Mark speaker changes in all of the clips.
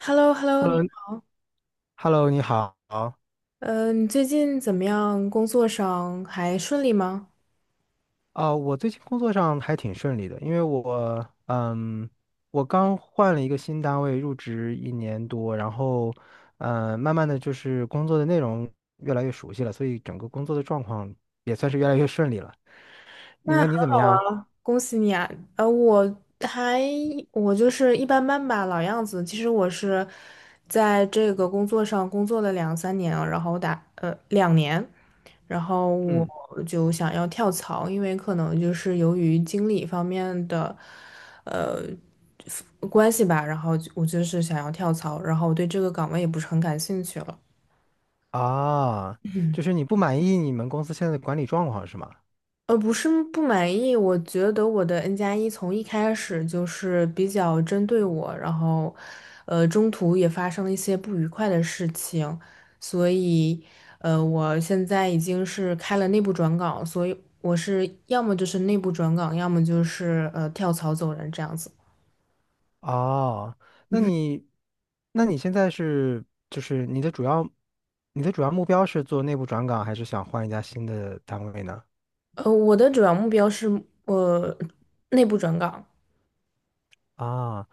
Speaker 1: h e l l o h e l l o
Speaker 2: Hello，Hello，你好。
Speaker 1: 你最近怎么样？工作上还顺利吗？
Speaker 2: 啊、我最近工作上还挺顺利的，因为我刚换了一个新单位，入职一年多，然后，慢慢的就是工作的内容越来越熟悉了，所以整个工作的状况也算是越来越顺利了。你
Speaker 1: 那很
Speaker 2: 呢？你怎么
Speaker 1: 好
Speaker 2: 样？
Speaker 1: 啊，恭喜你啊！呃，我还我就是一般般吧，老样子。其实我是在这个工作上工作了两三年啊，然后打2年，然后我
Speaker 2: 嗯，
Speaker 1: 就想要跳槽，因为可能就是由于经理方面的呃关系吧，然后我就是想要跳槽，然后我对这个岗位也不是很感兴趣了。
Speaker 2: 啊，
Speaker 1: 嗯。
Speaker 2: 就是你不满意你们公司现在的管理状况是吗？
Speaker 1: 不是不满意，我觉得我的 N+1从一开始就是比较针对我，然后，中途也发生了一些不愉快的事情，所以，我现在已经是开了内部转岗，所以我是要么就是内部转岗，要么就是跳槽走人这样子。
Speaker 2: 哦，那你，那你现在是就是你的主要，你的主要目标是做内部转岗，还是想换一家新的单位呢？
Speaker 1: 我的主要目标是呃内部转岗。
Speaker 2: 啊，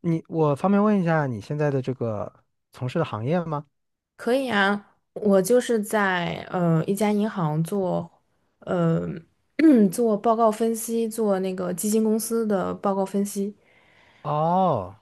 Speaker 2: 我方便问一下你现在的这个从事的行业吗？
Speaker 1: 可以啊，我就是在一家银行做，呃 做报告分析，做那个基金公司的报告分析。
Speaker 2: 哦，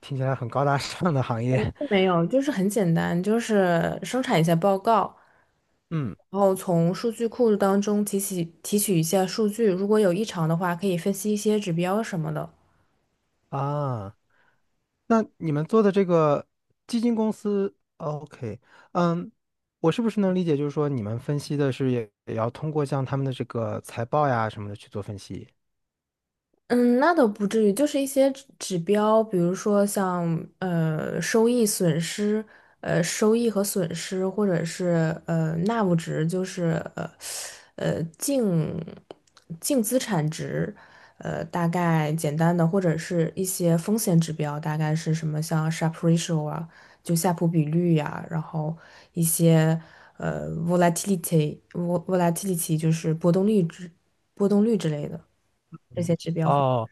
Speaker 2: 听起来很高大上的行业。
Speaker 1: 没有，就是很简单，就是生产一下报告，
Speaker 2: 嗯
Speaker 1: 然后从数据库当中提取一下数据，如果有异常的话，可以分析一些指标什么的。
Speaker 2: 啊，那你们做的这个基金公司哦，OK，嗯，我是不是能理解，就是说你们分析的是也要通过像他们的这个财报呀什么的去做分析？
Speaker 1: 嗯，那倒不至于，就是一些指标，比如说像收益、损失，收益和损失，或者是纳物值，就是呃呃净净资产值，大概简单的，或者是一些风险指标，大概是什么像 Sharpe ratio 啊，就夏普比率呀、然后一些volatility volatility 就是波动率之类的这
Speaker 2: 嗯，
Speaker 1: 些指标。
Speaker 2: 哦，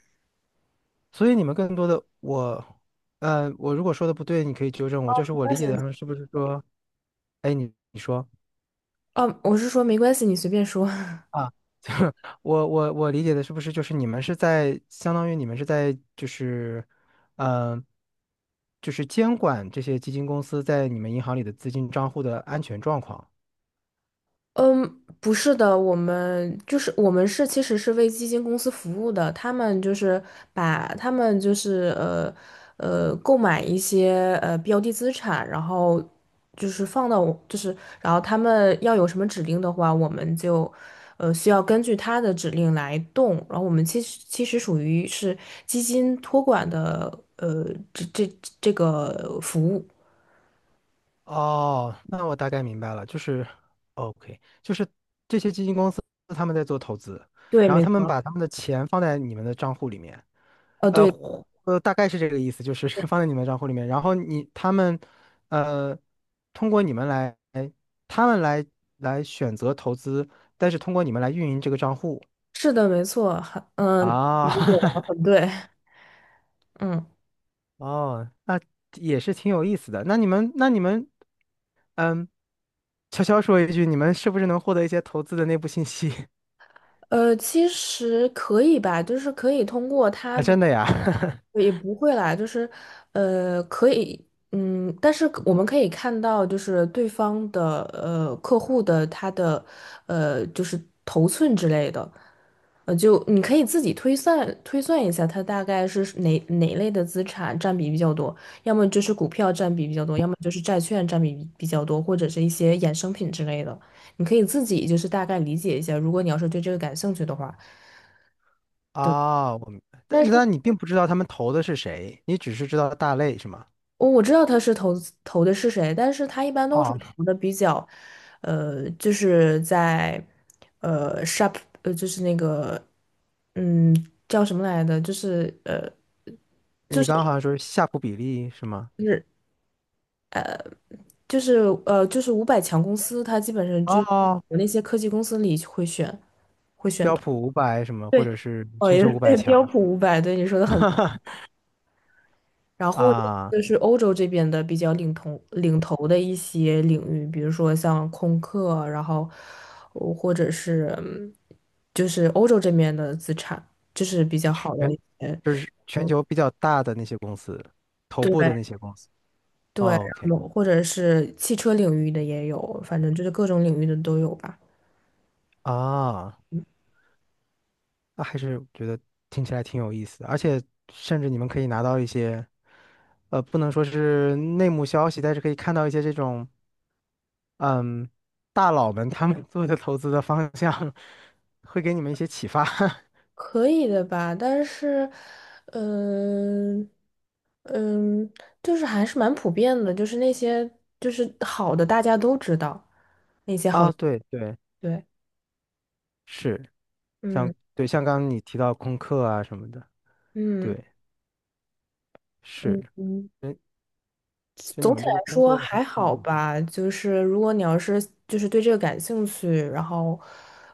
Speaker 2: 所以你们更多的我，呃，我如果说的不对，你可以纠正我。就是我
Speaker 1: 关
Speaker 2: 理
Speaker 1: 系，
Speaker 2: 解的上是不是说，哎，你说
Speaker 1: 嗯，我是说没关系，你随便说。
Speaker 2: 啊，就是我理解的是不是就是你们是在相当于你们是在嗯，就是监管这些基金公司在你们银行里的资金账户的安全状况。
Speaker 1: 嗯，不是的，我们是其实是为基金公司服务的，他们就是把他们就是购买一些标的资产，然后就是放到我就是然后他们要有什么指令的话，我们就需要根据他的指令来动，然后我们其实属于是基金托管的呃这个服务。
Speaker 2: 哦，那我大概明白了，就是哦，OK，就是这些他们在做投资，
Speaker 1: 对，
Speaker 2: 然后
Speaker 1: 没
Speaker 2: 他们
Speaker 1: 错。
Speaker 2: 把他们的钱放在你们的账户里面。
Speaker 1: 哦呃
Speaker 2: 呃
Speaker 1: 对，
Speaker 2: 大概是这个意思，就是 放在你们的账户里面，然后他们，呃，通过你们来，他们来来选择投资，但是通过你们来运营这个账户
Speaker 1: 是的，没错。
Speaker 2: 啊，
Speaker 1: 理解的 很对。嗯，
Speaker 2: 哦，那也是挺有意思的。那你们，嗯，悄悄说一句，你们是不是能获得一些投资的内部信息
Speaker 1: 其实可以吧，就是可以通过 它
Speaker 2: 啊？
Speaker 1: 的，
Speaker 2: 真的呀？
Speaker 1: 也不会啦，就是，可以。嗯，但是我们可以看到，就是对方的，客户的他的，就是头寸之类的，就你可以自己推算推算一下，它大概是哪类的资产占比比较多，要么就是股票占比比较多，要么就是债券占比比较多，或者是一些衍生品之类的。你可以自己就是大概理解一下，如果你要是对这个感兴趣的话。
Speaker 2: 啊，我明白
Speaker 1: 但
Speaker 2: 但
Speaker 1: 是
Speaker 2: 但你并不知道他们投的是谁，你只是知道大类是吗？
Speaker 1: 我知道他是投的是谁，但是他一般都是
Speaker 2: 哦，
Speaker 1: 投的比较，就是在sharp 就是那个嗯叫什么来的，就是
Speaker 2: 你刚刚好像说是夏普比例是吗？
Speaker 1: 就是就是就是五百强公司，他基本上就是
Speaker 2: 哦，
Speaker 1: 那些科技公司里会选。
Speaker 2: 标普500什么，或
Speaker 1: 对，
Speaker 2: 者是
Speaker 1: 哦，
Speaker 2: 全
Speaker 1: 也
Speaker 2: 球五百
Speaker 1: 对，
Speaker 2: 强，
Speaker 1: 标普500，对你说的很。 然后
Speaker 2: 啊，
Speaker 1: 就是欧洲这边的比较领头的一些领域，比如说像空客，然后或者是就是欧洲这边的资产，就是比较好的
Speaker 2: 全
Speaker 1: 一些。
Speaker 2: 就是全
Speaker 1: 嗯，
Speaker 2: 球比较大的那些公司，头
Speaker 1: 对，
Speaker 2: 部的那些公司。
Speaker 1: 对，
Speaker 2: 哦 OK，
Speaker 1: 然后或者是汽车领域的也有，反正就是各种领域的都有吧。
Speaker 2: 啊，那还是觉得听起来挺有意思的，而且甚至你们可以拿到一些，不能说是内幕消息，但是可以看到一些这种，嗯，大佬们他们 做的投资的方向，会给你们一些启发。
Speaker 1: 可以的吧，但是，嗯、嗯，就是还是蛮普遍的，就是那些就是好的大家都知道。
Speaker 2: 啊，对对，
Speaker 1: 对，
Speaker 2: 是。像
Speaker 1: 嗯
Speaker 2: 对，像刚刚你提到空客啊什么的，
Speaker 1: 嗯。
Speaker 2: 对，
Speaker 1: 嗯
Speaker 2: 是，
Speaker 1: 嗯，
Speaker 2: 嗯，就你
Speaker 1: 总体
Speaker 2: 们这个
Speaker 1: 来
Speaker 2: 工
Speaker 1: 说
Speaker 2: 作还是
Speaker 1: 还好吧。就是如果你要是就是对这个感兴趣，然后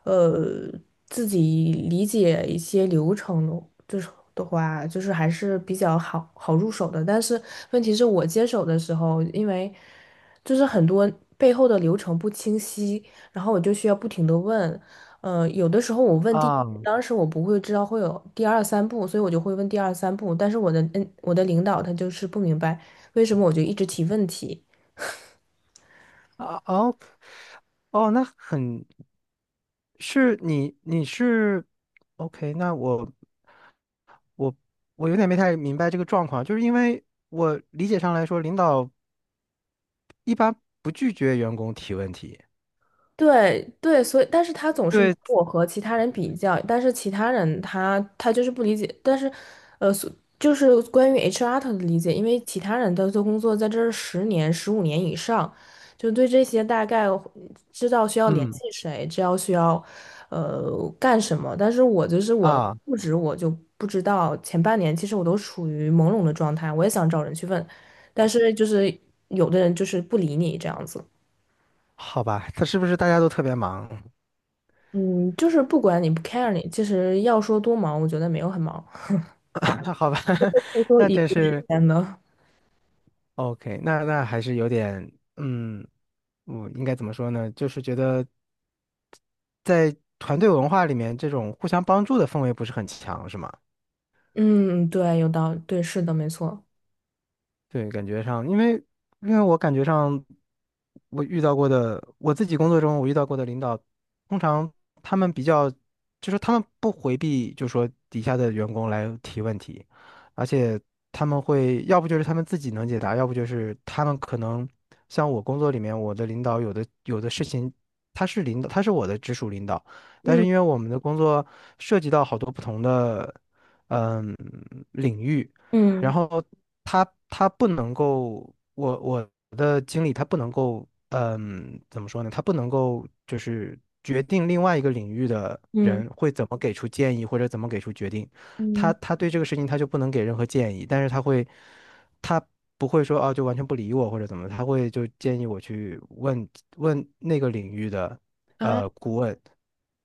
Speaker 1: 呃自己理解一些流程的，就是的话，就是还是比较好好入手的。但是问题是我接手的时候，因为就是很多背后的流程不清晰，然后我就需要不停的问。有的时候我问第一
Speaker 2: 啊
Speaker 1: 当时我不会知道会有第二三步，所以我就会问第二三步。但是我的领导他就是不明白，为什么我就一直提问题？
Speaker 2: 啊哦哦，那很是你你是 OK，那我我有点没太明白这个状况，就是因为我理解上来说，领导一般不拒绝员工提问题。
Speaker 1: 对，对，所以但是他总是拿
Speaker 2: 对，
Speaker 1: 我和其他人比较，但是其他人他就是不理解。但是，呃，所就是关于 HR 他的理解，因为其他人的做工作在这儿10年、15年以上，就对这些大概知道需要联
Speaker 2: 嗯
Speaker 1: 系谁，知道需要干什么，但是我就是我
Speaker 2: 啊，
Speaker 1: 入职我就不知道，前半年其实我都处于朦胧的状态，我也想找人去问，但是就是有的人就是不理你这样子。
Speaker 2: 好吧，他是不是大家都特别忙？
Speaker 1: 嗯，就是不管你不 care 你，其实要说多忙，我觉得没有很忙，
Speaker 2: 那好吧，
Speaker 1: 我说
Speaker 2: 那
Speaker 1: 一
Speaker 2: 真
Speaker 1: 定时
Speaker 2: 是。
Speaker 1: 间的。
Speaker 2: OK，那还是有点，我应该怎么说呢？就是觉得在团队文化里面，这种互相帮助的氛围不是很强，是吗？
Speaker 1: 嗯，对，有道理，对，是的，没错。
Speaker 2: 对，感觉上，因为我感觉上，我遇到过的，我自己工作中我遇到过的领导，通常他们比较，就是他们不回避，就说底下的员工来提问题，而且他们会，要不就是他们自己能解答，要不就是他们可能像我工作里面，我的领导有的事情，他是领导，他是我的直属领导，但
Speaker 1: 嗯
Speaker 2: 是因为我们的工作涉及到好多不同的嗯领域。
Speaker 1: 嗯
Speaker 2: 然后他不能够，我的经理他不能够，怎么说呢？他不能够就是决定另外一个领域的
Speaker 1: 嗯
Speaker 2: 人会怎么给出建议或者怎么给出决定，他
Speaker 1: 嗯
Speaker 2: 他对这个事情他就不能给任何建议，但是他会，他不会说哦就完全不理我或者怎么，他会就建议我去问问那个领域的
Speaker 1: 啊，
Speaker 2: 顾问，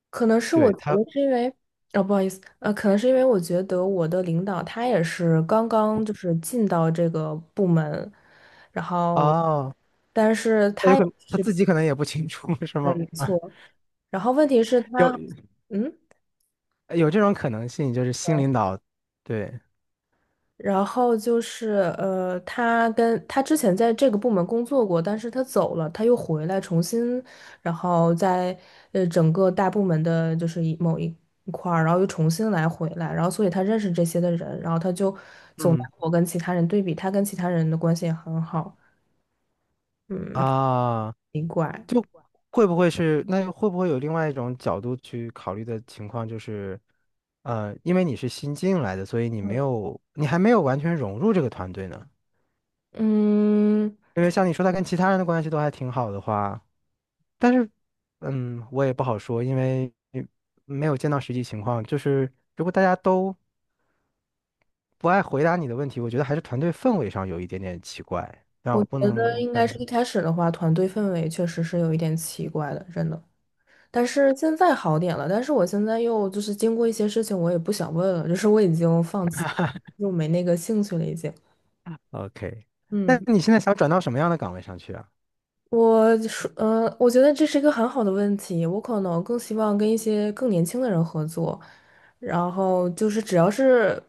Speaker 1: 可能是我
Speaker 2: 对
Speaker 1: 觉
Speaker 2: 他
Speaker 1: 得是因为，哦，不好意思，可能是因为我觉得我的领导他也是刚刚就是进到这个部门，然后，
Speaker 2: 哦，
Speaker 1: 但是
Speaker 2: 那
Speaker 1: 他
Speaker 2: 有
Speaker 1: 也。
Speaker 2: 可能他自己可能也不清楚 是
Speaker 1: 对，
Speaker 2: 吗？
Speaker 1: 没 错。然后问题是他，
Speaker 2: 有
Speaker 1: 嗯。
Speaker 2: 有这种可能性，就是新领导，对，
Speaker 1: 然后就是他之前在这个部门工作过，但是他走了，他又回来重新，然后在整个大部门的就是某一块儿，然后又重新回来，然后所以他认识这些的人，然后他就总拿
Speaker 2: 嗯，
Speaker 1: 我跟其他人对比，他跟其他人的关系也很好。嗯，
Speaker 2: 啊，
Speaker 1: 奇怪。
Speaker 2: 会不会是，那会不会有另外一种角度去考虑的情况，就是，因为你是新进来的，所以你还没有完全融入这个团队呢。
Speaker 1: 嗯，
Speaker 2: 因为像你说，他跟其他人的关系都还挺好的话，但是，我也不好说，因为没有见到实际情况。就是如果大家都不爱回答你的问题，我觉得还是团队氛围上有一点点奇怪。但
Speaker 1: 我
Speaker 2: 我不
Speaker 1: 觉
Speaker 2: 能，我
Speaker 1: 得
Speaker 2: 不
Speaker 1: 应
Speaker 2: 敢。
Speaker 1: 该是一开始的话，团队氛围确实是有一点奇怪的，真的。但是现在好点了，但是我现在又就是经过一些事情，我也不想问了，就是我已经放弃，又没那个兴趣了，已经。
Speaker 2: OK，那
Speaker 1: 嗯。
Speaker 2: 你现在想转到什么样的岗位上去啊？
Speaker 1: 我说，我觉得这是一个很好的问题。我可能更希望跟一些更年轻的人合作，然后就是只要是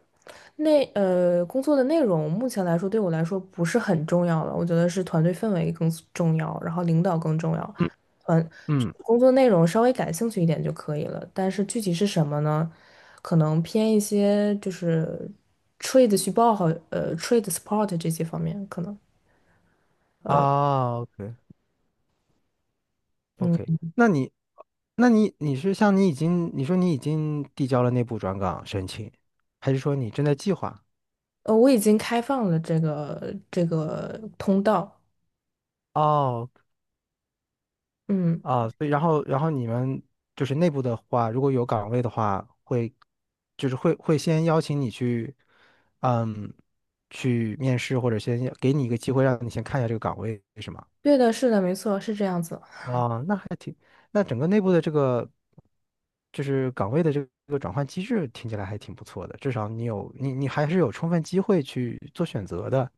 Speaker 1: 工作的内容，目前来说对我来说不是很重要了。我觉得是团队氛围更重要，然后领导更重要。
Speaker 2: 嗯
Speaker 1: 团
Speaker 2: 嗯，
Speaker 1: 工作内容稍微感兴趣一点就可以了，但是具体是什么呢？可能偏一些就是 trade 去报好，trade support 这些方面可能。
Speaker 2: 啊，OK OK，那你，那你你是像你已经你说你已经递交了内部转岗申请，还是说你正在计划？
Speaker 1: 我已经开放了这个通道。
Speaker 2: 哦
Speaker 1: 嗯，
Speaker 2: 啊，所以然后你们就是内部的话，如果有岗位的话，会就是会会先邀请你去，嗯，去面试或者先给你一个机会，让你先看一下这个岗位，是吗？
Speaker 1: 对的，是的，没错，是这样子。
Speaker 2: 啊，那还挺，那整个内部的这个就是岗位的这个转换机制，听起来还挺不错的。至少你还是有充分机会去做选择的。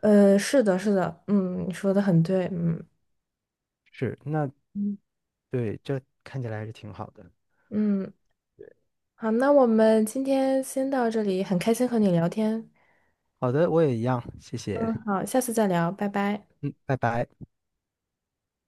Speaker 1: 是的，是的，嗯，你说的很对。嗯
Speaker 2: 是，那
Speaker 1: 嗯
Speaker 2: 对，这看起来还是挺好的。
Speaker 1: 嗯，好，那我们今天先到这里，很开心和你聊天。
Speaker 2: 好的，我也一样，谢谢。
Speaker 1: 嗯，好，下次再聊，拜拜。
Speaker 2: 嗯，拜拜。